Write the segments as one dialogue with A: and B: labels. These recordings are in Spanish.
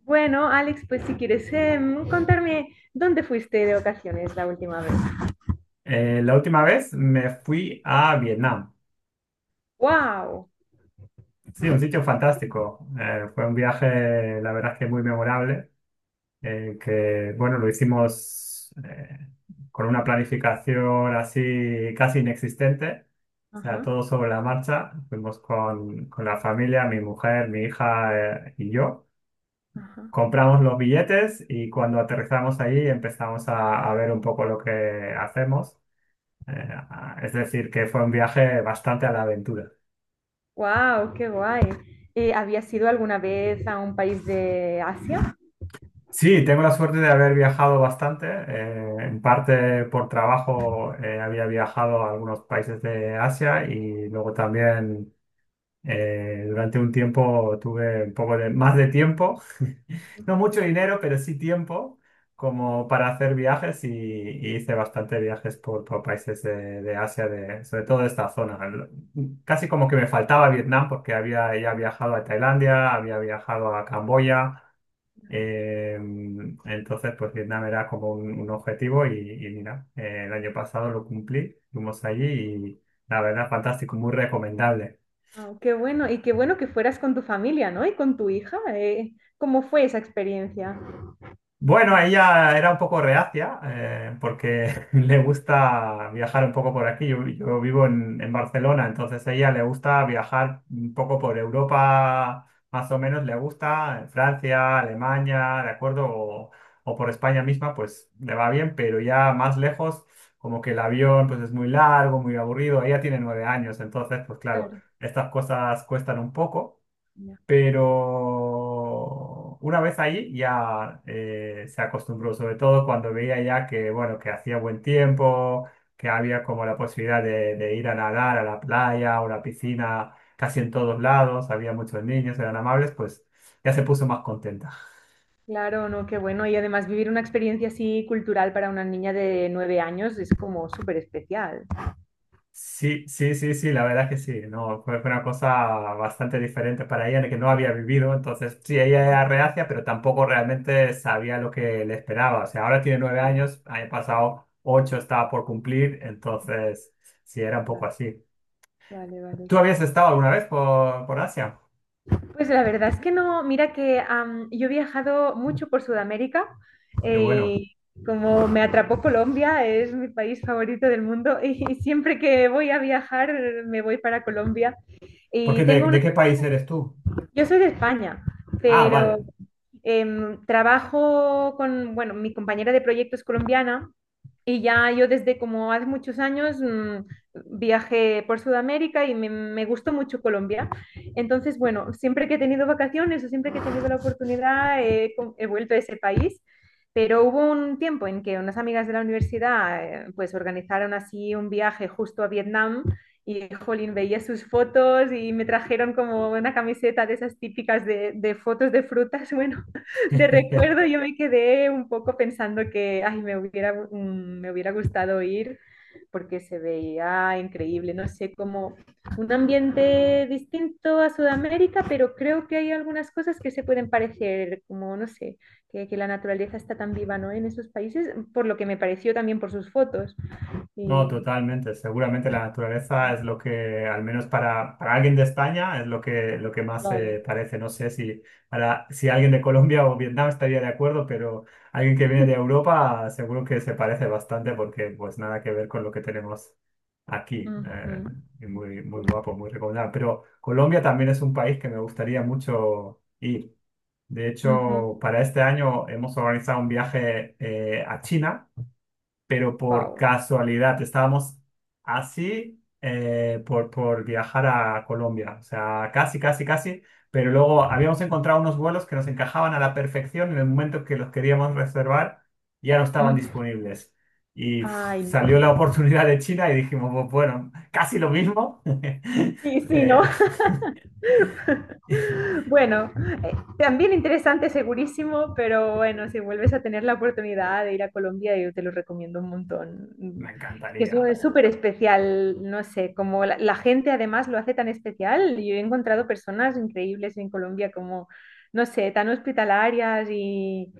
A: Bueno, Alex, pues si quieres contarme dónde fuiste de ocasiones la última vez.
B: La última vez me fui a Vietnam.
A: ¡Wow!
B: Sí, un sitio fantástico. Fue un viaje, la verdad es que muy memorable, que bueno, lo hicimos con una planificación así casi inexistente. O sea,
A: Ajá,
B: todo sobre la marcha. Fuimos con la familia, mi mujer, mi hija y yo.
A: ajá.
B: Compramos los billetes y cuando aterrizamos ahí empezamos a ver un poco lo que hacemos. Es decir, que fue un viaje bastante a la aventura.
A: ¡Wow! ¡Qué guay! ¿Habías ido alguna vez a un país de Asia?
B: Sí, tengo la suerte de haber viajado bastante. En parte por trabajo había viajado a algunos países de Asia y luego también durante un tiempo tuve un poco de más de tiempo, no mucho dinero, pero sí tiempo como para hacer viajes y hice bastante viajes por países de Asia, de, sobre todo de esta zona. Casi como que me faltaba Vietnam porque había ya viajado a Tailandia, había viajado a Camboya. Eh, entonces, pues Vietnam era como un objetivo y mira, el año pasado lo cumplí, fuimos allí y la verdad, fantástico, muy recomendable.
A: Guau, ¡qué bueno! Y qué bueno que fueras con tu familia, ¿no? Y con tu hija. ¿Cómo fue esa experiencia?
B: Bueno, ella era un poco reacia porque le gusta viajar un poco por aquí. Yo vivo en Barcelona, entonces a ella le gusta viajar un poco por Europa, más o menos le gusta, en Francia, Alemania, ¿de acuerdo? O por España misma, pues le va bien, pero ya más lejos, como que el avión pues es muy largo, muy aburrido. Ella tiene 9 años, entonces pues claro,
A: Claro,
B: estas cosas cuestan un poco.
A: ya.
B: Pero una vez allí ya se acostumbró, sobre todo cuando veía ya que, bueno, que hacía buen tiempo, que había como la posibilidad de ir a nadar a la playa, o la piscina, casi en todos lados, había muchos niños, eran amables, pues ya se puso más contenta.
A: Claro, no, qué bueno. Y además vivir una experiencia así cultural para una niña de 9 años es como súper especial.
B: Sí, sí, sí, sí, la verdad que sí, no, fue, fue una cosa bastante diferente para ella, que no había vivido, entonces sí, ella era reacia, pero tampoco realmente sabía lo que le esperaba, o sea, ahora tiene 9 años, año pasado 8 estaba por cumplir, entonces sí, era un poco
A: Vale,
B: así.
A: vale, vale,
B: ¿Tú habías
A: claro.
B: estado alguna vez por Asia?
A: Pues la verdad es que no, mira que yo he viajado mucho por Sudamérica,
B: Qué
A: eh,
B: bueno,
A: y como me atrapó Colombia, es mi país favorito del mundo y siempre que voy a viajar me voy para Colombia
B: porque
A: y tengo una,
B: ¿de qué país eres tú?
A: yo soy de España,
B: Ah, vale.
A: pero trabajo con, bueno, mi compañera de proyecto es colombiana y ya yo desde como hace muchos años, viajé por Sudamérica y me gustó mucho Colombia. Entonces, bueno, siempre que he tenido vacaciones o siempre que he tenido la oportunidad, he vuelto a ese país. Pero hubo un tiempo en que unas amigas de la universidad, pues organizaron así un viaje justo a Vietnam y, jolín, veía sus fotos y me trajeron como una camiseta de esas típicas de, fotos de frutas, bueno, de recuerdo. Yo me quedé un poco pensando que ay, me hubiera, me hubiera gustado ir porque se veía increíble, no sé, como un ambiente distinto a Sudamérica, pero creo que hay algunas cosas que se pueden parecer, como no sé, que la naturaleza está tan viva, ¿no? En esos países, por lo que me pareció también por sus fotos.
B: No,
A: Y
B: totalmente. Seguramente la naturaleza es lo que, al menos para alguien de España, es lo que más se
A: claro.
B: parece. No sé si, para, si alguien de Colombia o Vietnam estaría de acuerdo, pero alguien que viene de Europa seguro que se parece bastante porque pues nada que ver con lo que tenemos aquí.
A: Ujú.
B: Y muy, muy guapo, muy recomendable. Pero Colombia también es un país que me gustaría mucho ir. De
A: Ujú.
B: hecho, para este año hemos organizado un viaje a China, pero por
A: Wow.
B: casualidad estábamos así por viajar a Colombia, o sea, casi, casi, casi, pero luego habíamos encontrado unos vuelos que nos encajaban a la perfección en el momento que los queríamos reservar, ya no estaban
A: Mm.
B: disponibles. Y uf,
A: Ay,
B: salió
A: no.
B: la oportunidad de China y dijimos, Bueno, casi lo mismo".
A: Sí, sí,
B: Eh,
A: no. Bueno, también interesante, segurísimo, pero bueno, si vuelves a tener la oportunidad de ir a Colombia, yo te lo recomiendo un montón.
B: Me
A: Que
B: encantaría.
A: eso es súper especial, no sé, como la gente además lo hace tan especial. Yo he encontrado personas increíbles en Colombia, como, no sé, tan hospitalarias y,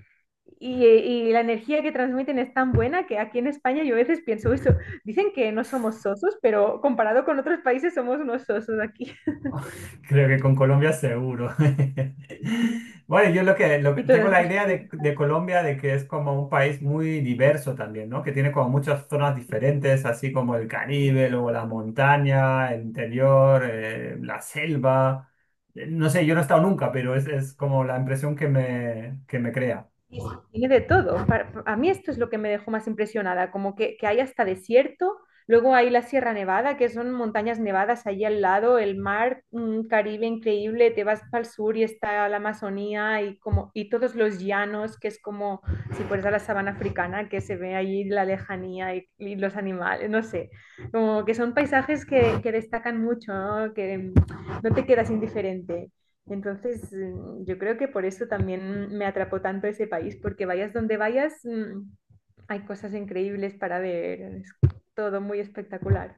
A: y la energía que transmiten es tan buena que aquí en España yo a veces pienso eso. Dicen que no somos sosos, pero comparado con otros países somos unos sosos aquí.
B: Creo que con Colombia seguro. Bueno, yo lo que,
A: Y
B: tengo
A: todas
B: la
A: las...
B: idea de Colombia de que es como un país muy diverso también, ¿no? Que tiene como muchas zonas
A: Sí,
B: diferentes, así como el
A: sí,
B: Caribe, luego la montaña, el interior, la selva. No sé, yo no he estado
A: sí,
B: nunca, pero es como la impresión que me crea.
A: tiene de todo. A mí esto es lo que me dejó más impresionada, como que, hay hasta desierto, luego hay la Sierra Nevada, que son montañas nevadas allí al lado, el mar, un Caribe increíble, te vas para el sur y está la Amazonía y, como, y todos los llanos, que es como si fueras a la sabana africana, que se ve allí la lejanía y, los animales, no sé, como que son paisajes que destacan mucho, ¿no? Que no te quedas indiferente. Entonces, yo creo que por eso también me atrapó tanto ese país, porque vayas donde vayas, hay cosas increíbles para ver, es todo muy espectacular.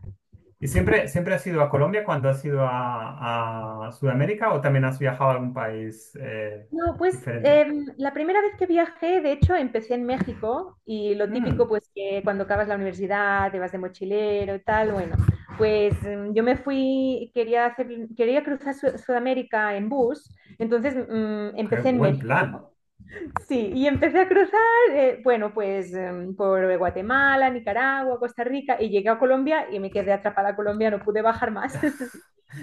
B: ¿Y siempre has ido a Colombia cuando has ido a Sudamérica o también has viajado a algún país
A: No, pues
B: diferente?
A: la primera vez que viajé, de hecho, empecé en México y lo típico,
B: Mm,
A: pues que cuando acabas la universidad, te vas de mochilero, tal, bueno, pues yo me fui, quería cruzar Sudamérica en bus, entonces
B: qué
A: empecé en
B: buen plan.
A: México. Sí, y empecé a cruzar, bueno, pues por Guatemala, Nicaragua, Costa Rica, y llegué a Colombia y me quedé atrapada a Colombia, no pude bajar más.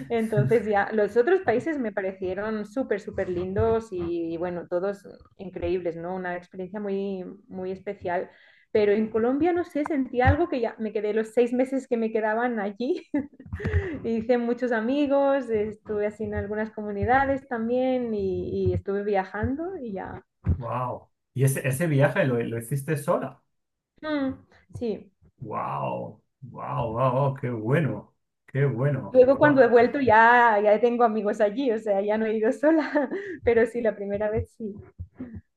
A: Entonces ya, los otros países me parecieron súper, súper lindos y, bueno, todos increíbles, ¿no? Una experiencia muy, muy especial. Pero en Colombia, no sé, sentí algo que ya me quedé los 6 meses que me quedaban allí. Hice muchos amigos, estuve así en algunas comunidades también y, estuve viajando y ya.
B: Wow. ¿Y ese viaje lo hiciste sola?
A: Mm, sí.
B: Wow. Wow, wow, wow, qué bueno. Qué bueno.
A: Luego cuando
B: Buah,
A: he vuelto ya, ya tengo amigos allí, o sea, ya no he ido sola, pero sí, la primera vez sí.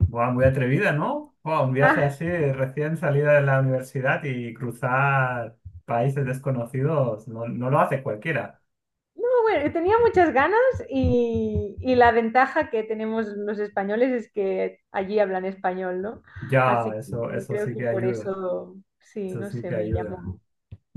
B: buah, muy atrevida, ¿no? Buah, un viaje
A: Ah,
B: así recién salida de la universidad y cruzar países desconocidos no, no lo hace cualquiera.
A: no, bueno, tenía muchas ganas y la ventaja que tenemos los españoles es que allí hablan español, ¿no?
B: Ya,
A: Así
B: eso,
A: que
B: eso
A: creo
B: sí
A: que
B: que
A: por
B: ayuda.
A: eso, sí,
B: Eso
A: no
B: sí
A: sé,
B: que
A: me
B: ayuda.
A: llamó.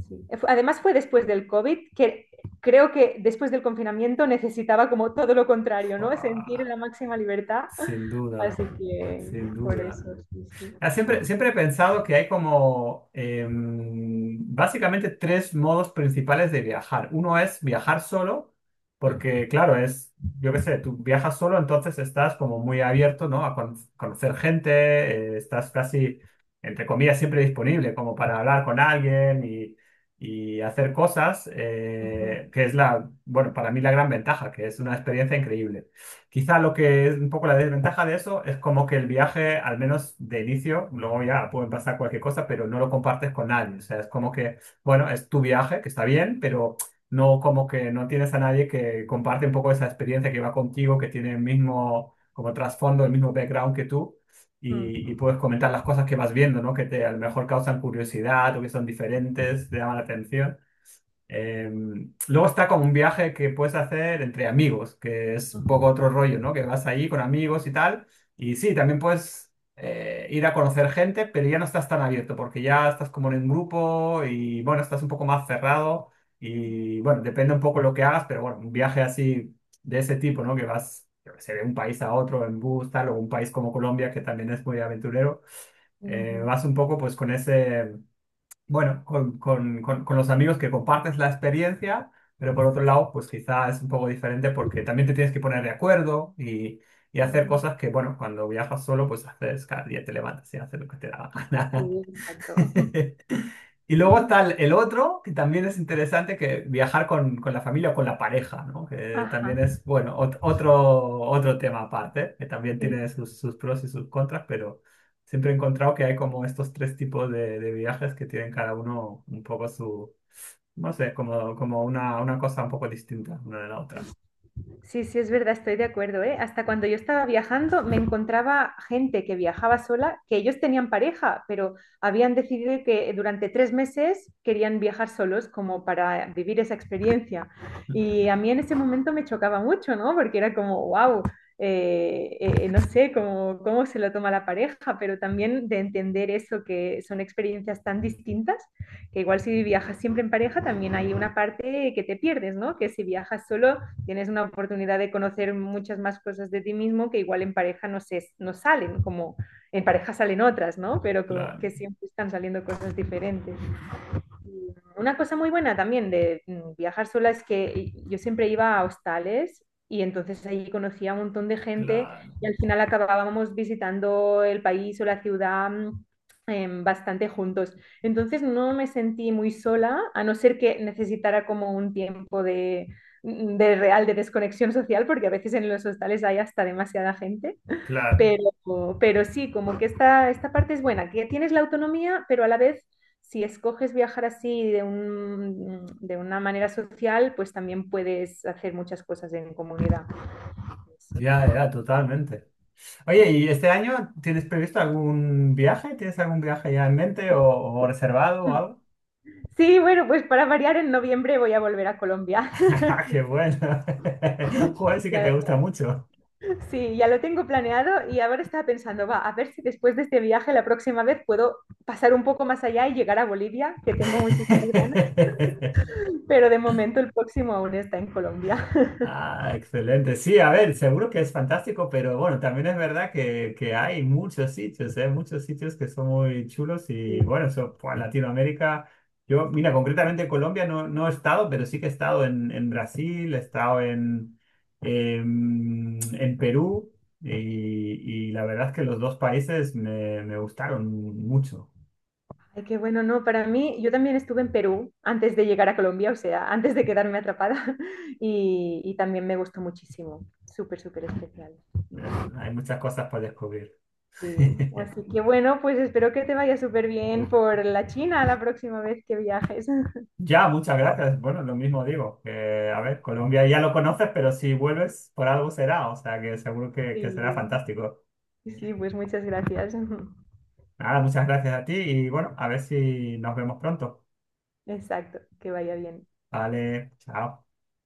A: Sí. Además fue después del COVID, que creo que después del confinamiento necesitaba como todo lo contrario, ¿no? Sentir
B: Buah,
A: la máxima libertad,
B: sin duda,
A: así que
B: sin
A: por
B: duda.
A: eso, sí, sí.
B: Ah, siempre he pensado que hay como básicamente tres modos principales de viajar. Uno es viajar solo,
A: Mm,
B: porque claro, es, yo qué sé, tú viajas solo, entonces estás como muy abierto, ¿no? A conocer gente, estás casi, entre comillas, siempre disponible como para hablar con alguien y hacer cosas,
A: ujú.
B: que es la, bueno, para mí la gran ventaja, que es una experiencia increíble. Quizá lo que es un poco la desventaja de eso es como que el viaje, al menos de inicio, luego ya puede pasar cualquier cosa, pero no lo compartes con nadie. O sea, es como que, bueno, es tu viaje, que está bien, pero no, como que no tienes a nadie que comparte un poco esa experiencia que va contigo, que tiene el mismo, como trasfondo, el mismo background que tú. Y,
A: Ujú,
B: y puedes comentar las cosas que vas viendo, ¿no? Que te a lo mejor causan curiosidad o que son diferentes, te llaman la atención. Eh, Luego está como un viaje que puedes hacer entre amigos, que es un
A: ujú,
B: poco otro rollo, ¿no? Que vas ahí con amigos y tal. Y sí, también puedes ir a conocer gente, pero ya no estás tan abierto porque ya estás como en un grupo y bueno, estás un poco más cerrado y bueno, depende un poco lo que hagas, pero bueno, un viaje así de ese tipo, ¿no? Que vas, yo qué sé, de un país a otro en bus, tal, o un país como Colombia, que también es muy aventurero,
A: ujú,
B: vas un poco pues con ese bueno, con los amigos que compartes la experiencia, pero por otro lado, pues quizá es un poco diferente porque también te tienes que poner de acuerdo y hacer
A: ajá,
B: cosas que, bueno, cuando viajas solo, pues haces cada día te levantas y haces lo que te da la
A: sí,
B: gana.
A: exacto.
B: Y luego está el otro, que también es interesante, que viajar con la familia o con la pareja, ¿no? Que también
A: Ajá,
B: es, bueno, otro, otro tema aparte, que también tiene
A: sí.
B: sus, sus pros y sus contras, pero siempre he encontrado que hay como estos tres tipos de viajes que tienen cada uno un poco su, no sé, como, como una cosa un poco distinta una de la otra.
A: Sí, sí, es verdad, estoy de acuerdo, ¿eh? Hasta cuando yo estaba viajando me encontraba gente que viajaba sola, que ellos tenían pareja, pero habían decidido que durante 3 meses querían viajar solos como para vivir esa experiencia. Y a mí en ese momento me chocaba mucho, ¿no? Porque era como, wow, no sé cómo se lo toma la pareja, pero también de entender eso, que son experiencias tan distintas, que igual si viajas siempre en pareja, también hay una parte que te pierdes, ¿no? Que si viajas solo tienes una oportunidad de conocer muchas más cosas de ti mismo que igual en pareja no, no salen, como en pareja salen otras, ¿no? Pero
B: Claro,
A: que, siempre están saliendo cosas diferentes. Una cosa muy buena también de viajar sola es que yo siempre iba a hostales y entonces ahí conocía a un montón de gente
B: claro,
A: y al final acabábamos visitando el país o la ciudad, bastante juntos. Entonces no me sentí muy sola, a no ser que necesitara como un tiempo de real de desconexión social, porque a veces en los hostales hay hasta demasiada gente.
B: claro.
A: Pero sí, como que esta, parte es buena, que tienes la autonomía, pero a la vez, si escoges viajar así de una manera social, pues también puedes hacer muchas cosas en comunidad. Pues.
B: Ya, ya, totalmente. Oye, ¿y este año tienes previsto algún viaje? ¿Tienes algún viaje ya en mente o reservado o
A: Mm.
B: algo?
A: Sí, bueno, pues para variar, en noviembre voy a volver a Colombia.
B: ¡Ah, qué bueno! Joder, sí que te
A: Ya-
B: gusta mucho.
A: sí, ya lo tengo planeado y ahora estaba pensando, va, a ver si después de este viaje la próxima vez puedo pasar un poco más allá y llegar a Bolivia, que tengo muchísimas ganas, pero de momento el próximo aún está en Colombia.
B: Ah, excelente. Sí, a ver, seguro que es fantástico, pero bueno, también es verdad que hay muchos sitios, ¿eh? Muchos sitios que son muy chulos
A: Sí.
B: y bueno, eso, pues, Latinoamérica, yo, mira, concretamente Colombia no, no he estado, pero sí que he estado en Brasil, he estado en Perú y, y la verdad es que los dos países me, me gustaron mucho.
A: Ay, qué bueno, no, para mí, yo también estuve en Perú antes de llegar a Colombia, o sea, antes de quedarme atrapada, y, también me gustó muchísimo, súper, súper especial.
B: Hay muchas cosas para descubrir.
A: Sí. Así que bueno, pues espero que te vaya súper bien por la China la próxima vez que viajes.
B: Ya, muchas gracias. Bueno, lo mismo digo, que a ver, Colombia ya lo conoces, pero si vuelves por algo será, o sea que seguro
A: Sí,
B: que será fantástico.
A: sí, pues muchas gracias.
B: Nada, muchas gracias a ti y bueno, a ver si nos vemos pronto.
A: Exacto, que vaya bien.
B: Vale, chao.